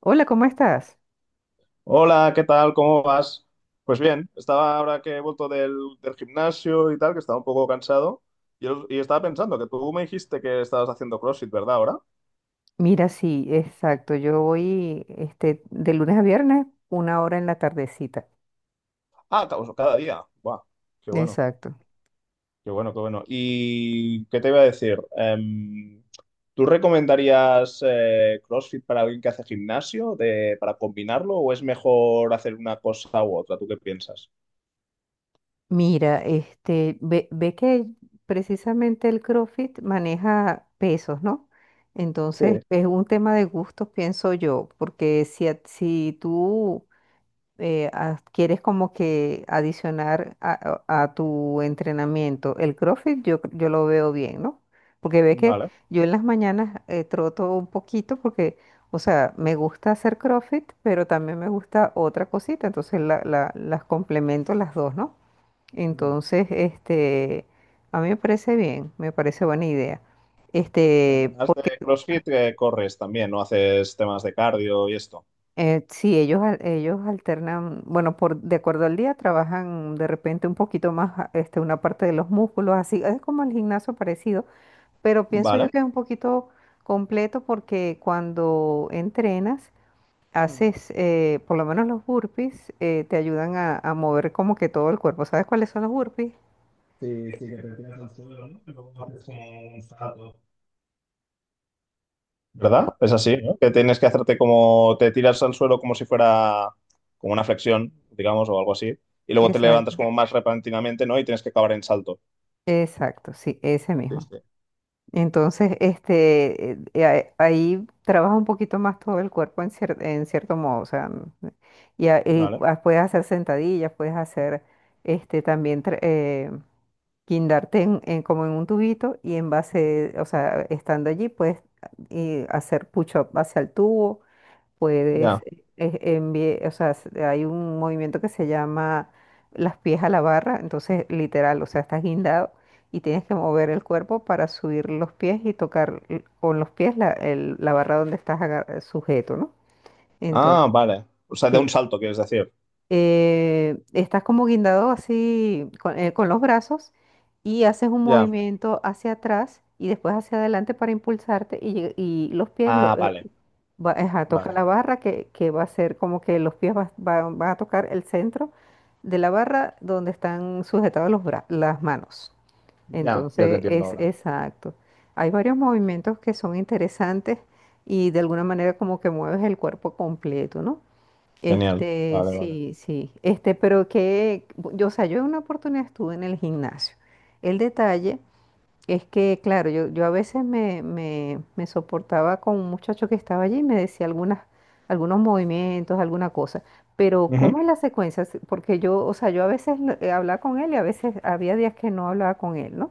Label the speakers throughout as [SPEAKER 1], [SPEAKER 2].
[SPEAKER 1] Hola, ¿cómo estás?
[SPEAKER 2] Hola, ¿qué tal? ¿Cómo vas? Pues bien, estaba ahora que he vuelto del gimnasio y tal, que estaba un poco cansado, y estaba pensando que tú me dijiste que estabas haciendo CrossFit, ¿verdad? Ahora.
[SPEAKER 1] Mira, sí, exacto. Yo voy de lunes a viernes, 1 hora en la tardecita.
[SPEAKER 2] Pues cada día. Buah, qué bueno,
[SPEAKER 1] Exacto.
[SPEAKER 2] qué bueno, qué bueno. ¿Y qué te iba a decir? ¿Tú recomendarías CrossFit para alguien que hace gimnasio, de, para combinarlo, o es mejor hacer una cosa u otra? ¿Tú qué piensas?
[SPEAKER 1] Mira, ve que precisamente el CrossFit maneja pesos, ¿no?
[SPEAKER 2] Sí,
[SPEAKER 1] Entonces, es un tema de gustos, pienso yo, porque si, si tú quieres como que adicionar a tu entrenamiento el CrossFit, yo lo veo bien, ¿no? Porque ve que
[SPEAKER 2] vale.
[SPEAKER 1] yo en las mañanas troto un poquito porque, o sea, me gusta hacer CrossFit, pero también me gusta otra cosita, entonces las complemento las dos, ¿no? Entonces, a mí me parece bien, me parece buena idea. Este,
[SPEAKER 2] Además de CrossFit, corres también, ¿no? Haces temas de cardio y esto.
[SPEAKER 1] Sí, ellos alternan, bueno, por, de acuerdo al día trabajan de repente un poquito más una parte de los músculos, así es como el gimnasio parecido, pero pienso yo
[SPEAKER 2] Vale.
[SPEAKER 1] que es un poquito completo porque cuando entrenas,
[SPEAKER 2] Ujú.
[SPEAKER 1] haces, por lo menos los burpees, te ayudan a mover como que todo el cuerpo. ¿Sabes cuáles son los burpees?
[SPEAKER 2] Sí, sí, que te tiras al suelo, ¿no? Y luego haces como un salto. ¿Verdad? Es así, ¿no? Que tienes que hacerte como, te tiras al suelo como si fuera como una flexión, digamos, o algo así, y luego te levantas
[SPEAKER 1] Exacto.
[SPEAKER 2] como más repentinamente, ¿no? Y tienes que acabar en salto.
[SPEAKER 1] Exacto, sí, ese
[SPEAKER 2] Sí,
[SPEAKER 1] mismo.
[SPEAKER 2] sí.
[SPEAKER 1] Entonces, ahí trabaja un poquito más todo el cuerpo en en cierto modo, o sea, n-
[SPEAKER 2] Vale,
[SPEAKER 1] puedes hacer sentadillas, puedes hacer, también guindarte en como en un tubito y en base, o sea, estando allí puedes y hacer push-up hacia el tubo, puedes
[SPEAKER 2] ya.
[SPEAKER 1] enviar, o sea, hay un movimiento que se llama las pies a la barra, entonces literal, o sea, estás guindado y tienes que mover el cuerpo para subir los pies y tocar con los pies la, la barra donde estás sujeto, ¿no? Entonces,
[SPEAKER 2] Ah, vale. O sea, de un
[SPEAKER 1] sí,
[SPEAKER 2] salto, quieres decir.
[SPEAKER 1] estás como guindado así con los brazos y haces un
[SPEAKER 2] Ya.
[SPEAKER 1] movimiento hacia atrás y después hacia adelante para impulsarte y, y los pies,
[SPEAKER 2] Ah, vale,
[SPEAKER 1] ajá, toca
[SPEAKER 2] vale,
[SPEAKER 1] la
[SPEAKER 2] vale.
[SPEAKER 1] barra que va a ser como que los pies van a tocar el centro de la barra donde están sujetados los las manos.
[SPEAKER 2] Ya, ya te
[SPEAKER 1] Entonces
[SPEAKER 2] entiendo
[SPEAKER 1] es
[SPEAKER 2] ahora.
[SPEAKER 1] exacto. Hay varios movimientos que son interesantes y de alguna manera como que mueves el cuerpo completo, ¿no?
[SPEAKER 2] Genial. Vale, vale.
[SPEAKER 1] Sí, sí. Pero que, o sea, yo en una oportunidad estuve en el gimnasio. El detalle es que, claro, yo a veces me soportaba con un muchacho que estaba allí y me decía algunas, algunos movimientos, alguna cosa. Pero,
[SPEAKER 2] Ujú,
[SPEAKER 1] ¿cómo es la secuencia? Porque yo, o sea, yo a veces hablaba con él y a veces había días que no hablaba con él, ¿no?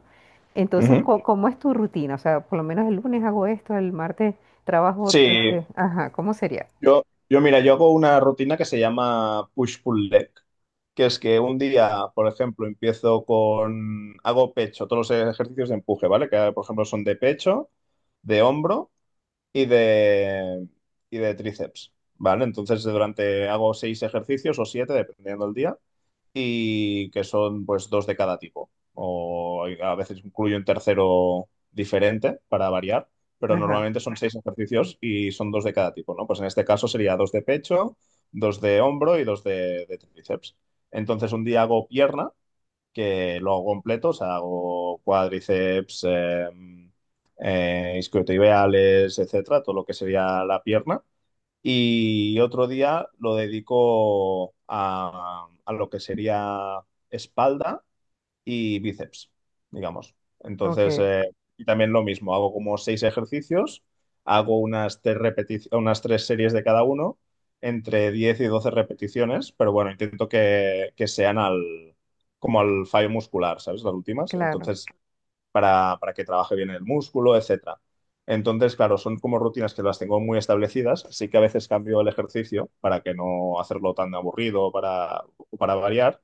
[SPEAKER 1] Entonces,
[SPEAKER 2] ujú.
[SPEAKER 1] ¿cómo es tu rutina? O sea, por lo menos el lunes hago esto, el martes trabajo,
[SPEAKER 2] Sí,
[SPEAKER 1] ajá, ¿cómo sería?
[SPEAKER 2] yo mira, yo hago una rutina que se llama push-pull leg, que es que un día, por ejemplo, empiezo con, hago pecho, todos los ejercicios de empuje, ¿vale? Que, por ejemplo, son de pecho, de hombro y de, y de tríceps, ¿vale? Entonces, durante, hago seis ejercicios o siete, dependiendo del día y que son pues dos de cada tipo. O a veces incluyo un tercero diferente para variar, pero
[SPEAKER 1] Ajá,
[SPEAKER 2] normalmente son seis ejercicios y son dos de cada tipo, ¿no? Pues en este caso sería dos de pecho, dos de hombro y de tríceps. Entonces un día hago pierna, que lo hago completo, o sea, hago cuádriceps, isquiotibiales, etcétera, todo lo que sería la pierna y otro día lo dedico a lo que sería espalda y bíceps, digamos. Entonces,
[SPEAKER 1] ok,
[SPEAKER 2] y también lo mismo, hago como seis ejercicios, hago unas tres series de cada uno, entre 10 y 12 repeticiones, pero bueno, intento que sean como al fallo muscular, ¿sabes? Las últimas.
[SPEAKER 1] claro.
[SPEAKER 2] Entonces, para que trabaje bien el músculo, etcétera. Entonces, claro, son como rutinas que las tengo muy establecidas. Sí que a veces cambio el ejercicio para que no hacerlo tan aburrido, para variar.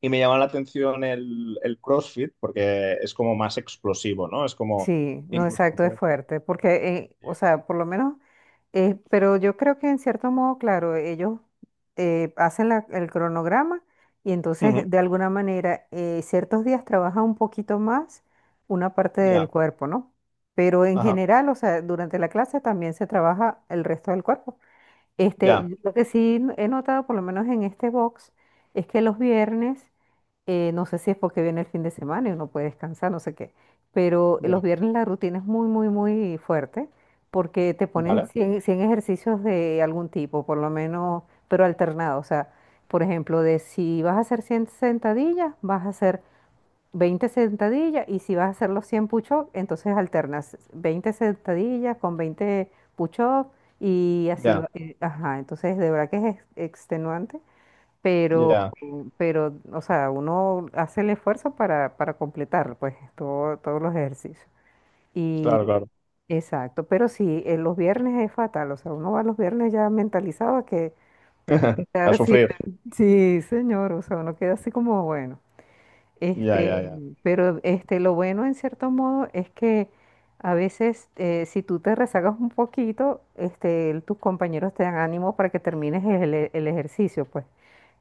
[SPEAKER 2] Y me llama la atención el CrossFit porque es como más explosivo, ¿no? Es como
[SPEAKER 1] Sí, no,
[SPEAKER 2] incluso
[SPEAKER 1] exacto, es
[SPEAKER 2] puede ser-
[SPEAKER 1] fuerte, porque, o sea, por lo menos, pero yo creo que en cierto modo, claro, ellos hacen el cronograma y
[SPEAKER 2] Ujú,
[SPEAKER 1] entonces de alguna manera ciertos días trabaja un poquito más una parte del
[SPEAKER 2] ya,
[SPEAKER 1] cuerpo, ¿no? Pero en
[SPEAKER 2] ajá,
[SPEAKER 1] general, o sea, durante la clase también se trabaja el resto del cuerpo.
[SPEAKER 2] ya,
[SPEAKER 1] Yo lo que sí he notado, por lo menos en este box, es que los viernes no sé si es porque viene el fin de semana y uno puede descansar, no sé qué, pero los
[SPEAKER 2] ya,
[SPEAKER 1] viernes la rutina es muy, muy, muy fuerte porque te ponen
[SPEAKER 2] vale,
[SPEAKER 1] cien ejercicios de algún tipo, por lo menos, pero alternado. O sea, por ejemplo, de si vas a hacer 100 sentadillas, vas a hacer 20 sentadillas y si vas a hacer los 100 push-ups, entonces alternas 20 sentadillas con 20 push-ups y así
[SPEAKER 2] ya,
[SPEAKER 1] va. Ajá, entonces de verdad que es extenuante pero,
[SPEAKER 2] ya,
[SPEAKER 1] pero, o sea, uno hace el esfuerzo para completar, pues, todos los ejercicios. Y,
[SPEAKER 2] claro, claro.
[SPEAKER 1] exacto, pero sí, en los viernes es fatal, o sea, uno va los viernes ya mentalizado a que,
[SPEAKER 2] A
[SPEAKER 1] ahora sí
[SPEAKER 2] sufrir.
[SPEAKER 1] sí, señor, o sea, uno queda así como, bueno.
[SPEAKER 2] Ya, ya,
[SPEAKER 1] Este,
[SPEAKER 2] ya.
[SPEAKER 1] pero lo bueno en cierto modo es que a veces si tú te rezagas un poquito, tus compañeros te dan ánimo para que termines el ejercicio, pues.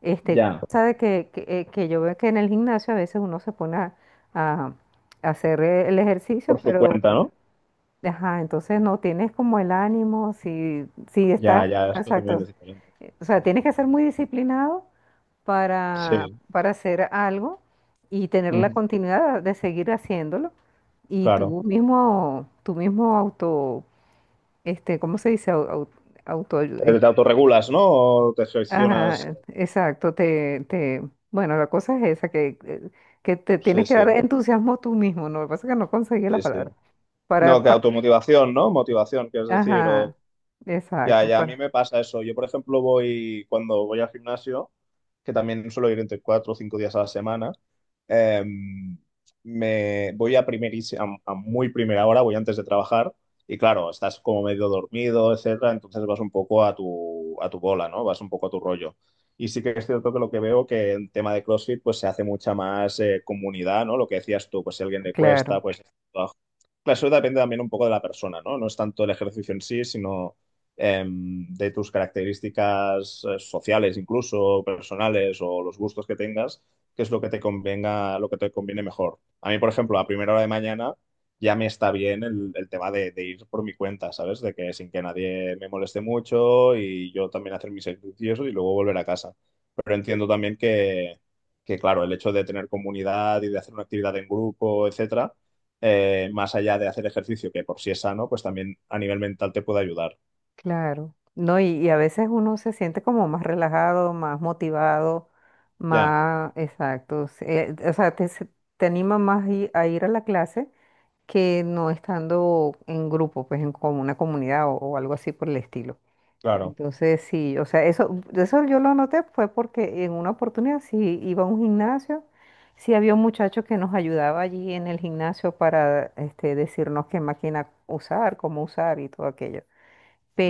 [SPEAKER 2] Ya,
[SPEAKER 1] Cosa de que yo veo que en el gimnasio a veces uno se pone a hacer el ejercicio,
[SPEAKER 2] por su
[SPEAKER 1] pero
[SPEAKER 2] cuenta, ¿no?
[SPEAKER 1] ajá, entonces no tienes como el ánimo, si, si estás,
[SPEAKER 2] Ya, ya, esto también
[SPEAKER 1] exacto.
[SPEAKER 2] es diferente.
[SPEAKER 1] O sea, tienes que ser muy disciplinado
[SPEAKER 2] Sí,
[SPEAKER 1] para hacer algo y tener la
[SPEAKER 2] ujú,
[SPEAKER 1] continuidad de seguir haciéndolo. Y
[SPEAKER 2] claro.
[SPEAKER 1] tú mismo auto, ¿cómo se dice? Auto,
[SPEAKER 2] Te autorregulas, ¿no? O te gestionas.
[SPEAKER 1] ajá, exacto, bueno, la cosa es esa, que te
[SPEAKER 2] Sí,
[SPEAKER 1] tienes que
[SPEAKER 2] sí,
[SPEAKER 1] dar entusiasmo tú mismo, ¿no? Lo que pasa es que no conseguí la
[SPEAKER 2] sí, sí.
[SPEAKER 1] palabra.
[SPEAKER 2] No,
[SPEAKER 1] Para,
[SPEAKER 2] que automotivación, ¿no? Motivación, quieres decir,
[SPEAKER 1] ajá,
[SPEAKER 2] o ya,
[SPEAKER 1] exacto,
[SPEAKER 2] ya, a mí me pasa eso. Yo, por ejemplo, voy cuando voy al gimnasio, que también suelo ir entre cuatro o cinco días a la semana, eh, me voy a primerísima, a muy primera hora, voy antes de trabajar y claro, estás como medio dormido, etcétera, entonces vas un poco a tu bola, ¿no? Vas un poco a tu rollo. Y sí que es cierto que lo que veo que en tema de CrossFit pues se hace mucha más comunidad, ¿no? Lo que decías tú, pues si a alguien le
[SPEAKER 1] claro.
[SPEAKER 2] cuesta, pues... Claro, eso depende también un poco de la persona, ¿no? No es tanto el ejercicio en sí, sino de tus características sociales, incluso personales o los gustos que tengas, qué es lo que te convenga, lo que te conviene mejor. A mí, por ejemplo, a primera hora de mañana ya me está bien el tema de ir por mi cuenta, ¿sabes? De que sin que nadie me moleste mucho y yo también hacer mis ejercicios y luego volver a casa. Pero entiendo también que claro, el hecho de tener comunidad y de hacer una actividad en grupo, etcétera, más allá de hacer ejercicio, que por sí es sano, pues también a nivel mental te puede ayudar.
[SPEAKER 1] Claro, no, y a veces uno se siente como más relajado, más motivado,
[SPEAKER 2] Ya,
[SPEAKER 1] más exacto. O sea, te anima más a ir a la clase que no estando en grupo, pues en como una comunidad o algo así por el estilo.
[SPEAKER 2] claro,
[SPEAKER 1] Entonces, sí, o sea, eso yo lo noté fue porque en una oportunidad sí iba a un gimnasio, sí había un muchacho que nos ayudaba allí en el gimnasio para decirnos qué máquina usar, cómo usar y todo aquello.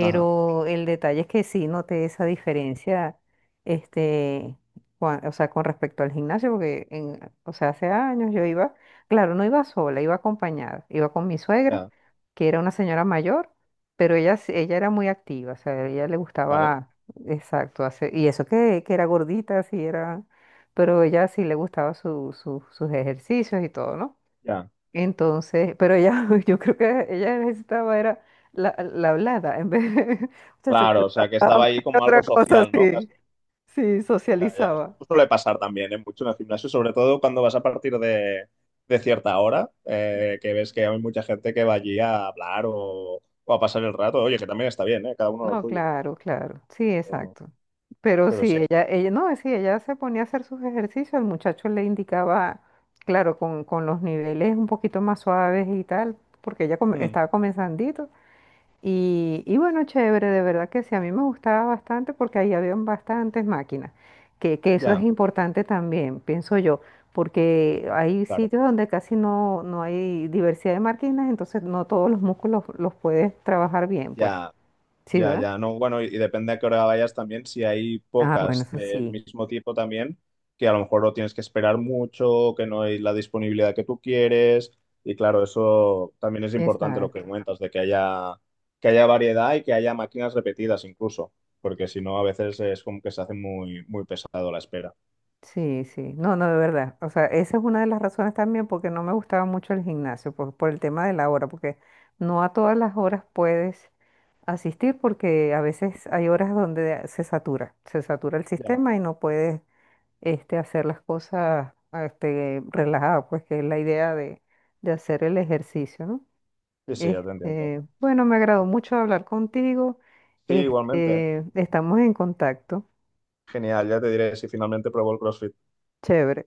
[SPEAKER 2] ajá,
[SPEAKER 1] el detalle es que sí noté esa diferencia, este, o sea, con respecto al gimnasio, porque en, o sea, hace años yo iba, claro, no iba sola, iba acompañada, iba con mi suegra,
[SPEAKER 2] ya,
[SPEAKER 1] que era una señora mayor, pero ella, ella era muy activa, o sea, a ella le
[SPEAKER 2] vale,
[SPEAKER 1] gustaba, exacto, hacer, y eso que era gordita, sí era, pero ella sí le gustaba su, sus ejercicios y todo, ¿no?
[SPEAKER 2] ya.
[SPEAKER 1] Entonces, pero ella, yo creo que ella necesitaba era la hablada, en vez de, muchacho,
[SPEAKER 2] Claro,
[SPEAKER 1] ¿por
[SPEAKER 2] o sea, que estaba ahí
[SPEAKER 1] qué
[SPEAKER 2] como algo
[SPEAKER 1] otra cosa
[SPEAKER 2] social, ¿no? Casi.
[SPEAKER 1] sí, sí,
[SPEAKER 2] Ya, ya.
[SPEAKER 1] socializaba.
[SPEAKER 2] Esto suele pasar también, ¿eh? Mucho en el gimnasio, sobre todo cuando vas a partir de cierta hora, que ves que hay mucha gente que va allí a hablar o a pasar el rato. Oye, que también está bien, ¿eh? Cada uno lo
[SPEAKER 1] No,
[SPEAKER 2] suyo.
[SPEAKER 1] claro, claro, sí,
[SPEAKER 2] Pero,
[SPEAKER 1] exacto. Pero
[SPEAKER 2] pero
[SPEAKER 1] sí,
[SPEAKER 2] sí.
[SPEAKER 1] no, sí, ella se ponía a hacer sus ejercicios, el muchacho le indicaba, claro, con los niveles un poquito más suaves y tal, porque ella
[SPEAKER 2] Mm,
[SPEAKER 1] estaba comenzandito. Y bueno, chévere, de verdad que sí, a mí me gustaba bastante porque ahí habían bastantes máquinas, que eso es
[SPEAKER 2] ya,
[SPEAKER 1] importante también, pienso yo, porque hay
[SPEAKER 2] claro,
[SPEAKER 1] sitios donde casi no hay diversidad de máquinas, entonces no todos los músculos los puedes trabajar bien, pues.
[SPEAKER 2] ya.
[SPEAKER 1] Sí,
[SPEAKER 2] Ya,
[SPEAKER 1] ¿verdad?
[SPEAKER 2] ya, no, bueno, y depende a qué hora vayas también, si hay
[SPEAKER 1] Ah, bueno,
[SPEAKER 2] pocas
[SPEAKER 1] eso
[SPEAKER 2] del
[SPEAKER 1] sí.
[SPEAKER 2] mismo tipo también, que a lo mejor lo tienes que esperar mucho, que no hay la disponibilidad que tú quieres, y claro, eso también es importante lo que
[SPEAKER 1] Exacto.
[SPEAKER 2] cuentas, de que haya variedad y que haya máquinas repetidas incluso, porque si no, a veces es como que se hace muy, muy pesado la espera.
[SPEAKER 1] Sí, sí, no, no, de verdad. O sea, esa es una de las razones también porque no me gustaba mucho el gimnasio, por el tema de la hora, porque no a todas las horas puedes asistir porque a veces hay horas donde se satura el
[SPEAKER 2] Ya.
[SPEAKER 1] sistema y no puedes hacer las cosas relajado, pues que es la idea de hacer el ejercicio, ¿no?
[SPEAKER 2] Sí, sí, ya te entiendo.
[SPEAKER 1] Bueno, me agradó mucho hablar contigo.
[SPEAKER 2] Sí, igualmente.
[SPEAKER 1] Estamos en contacto.
[SPEAKER 2] Genial, ya te diré si finalmente pruebo el CrossFit.
[SPEAKER 1] Chévere.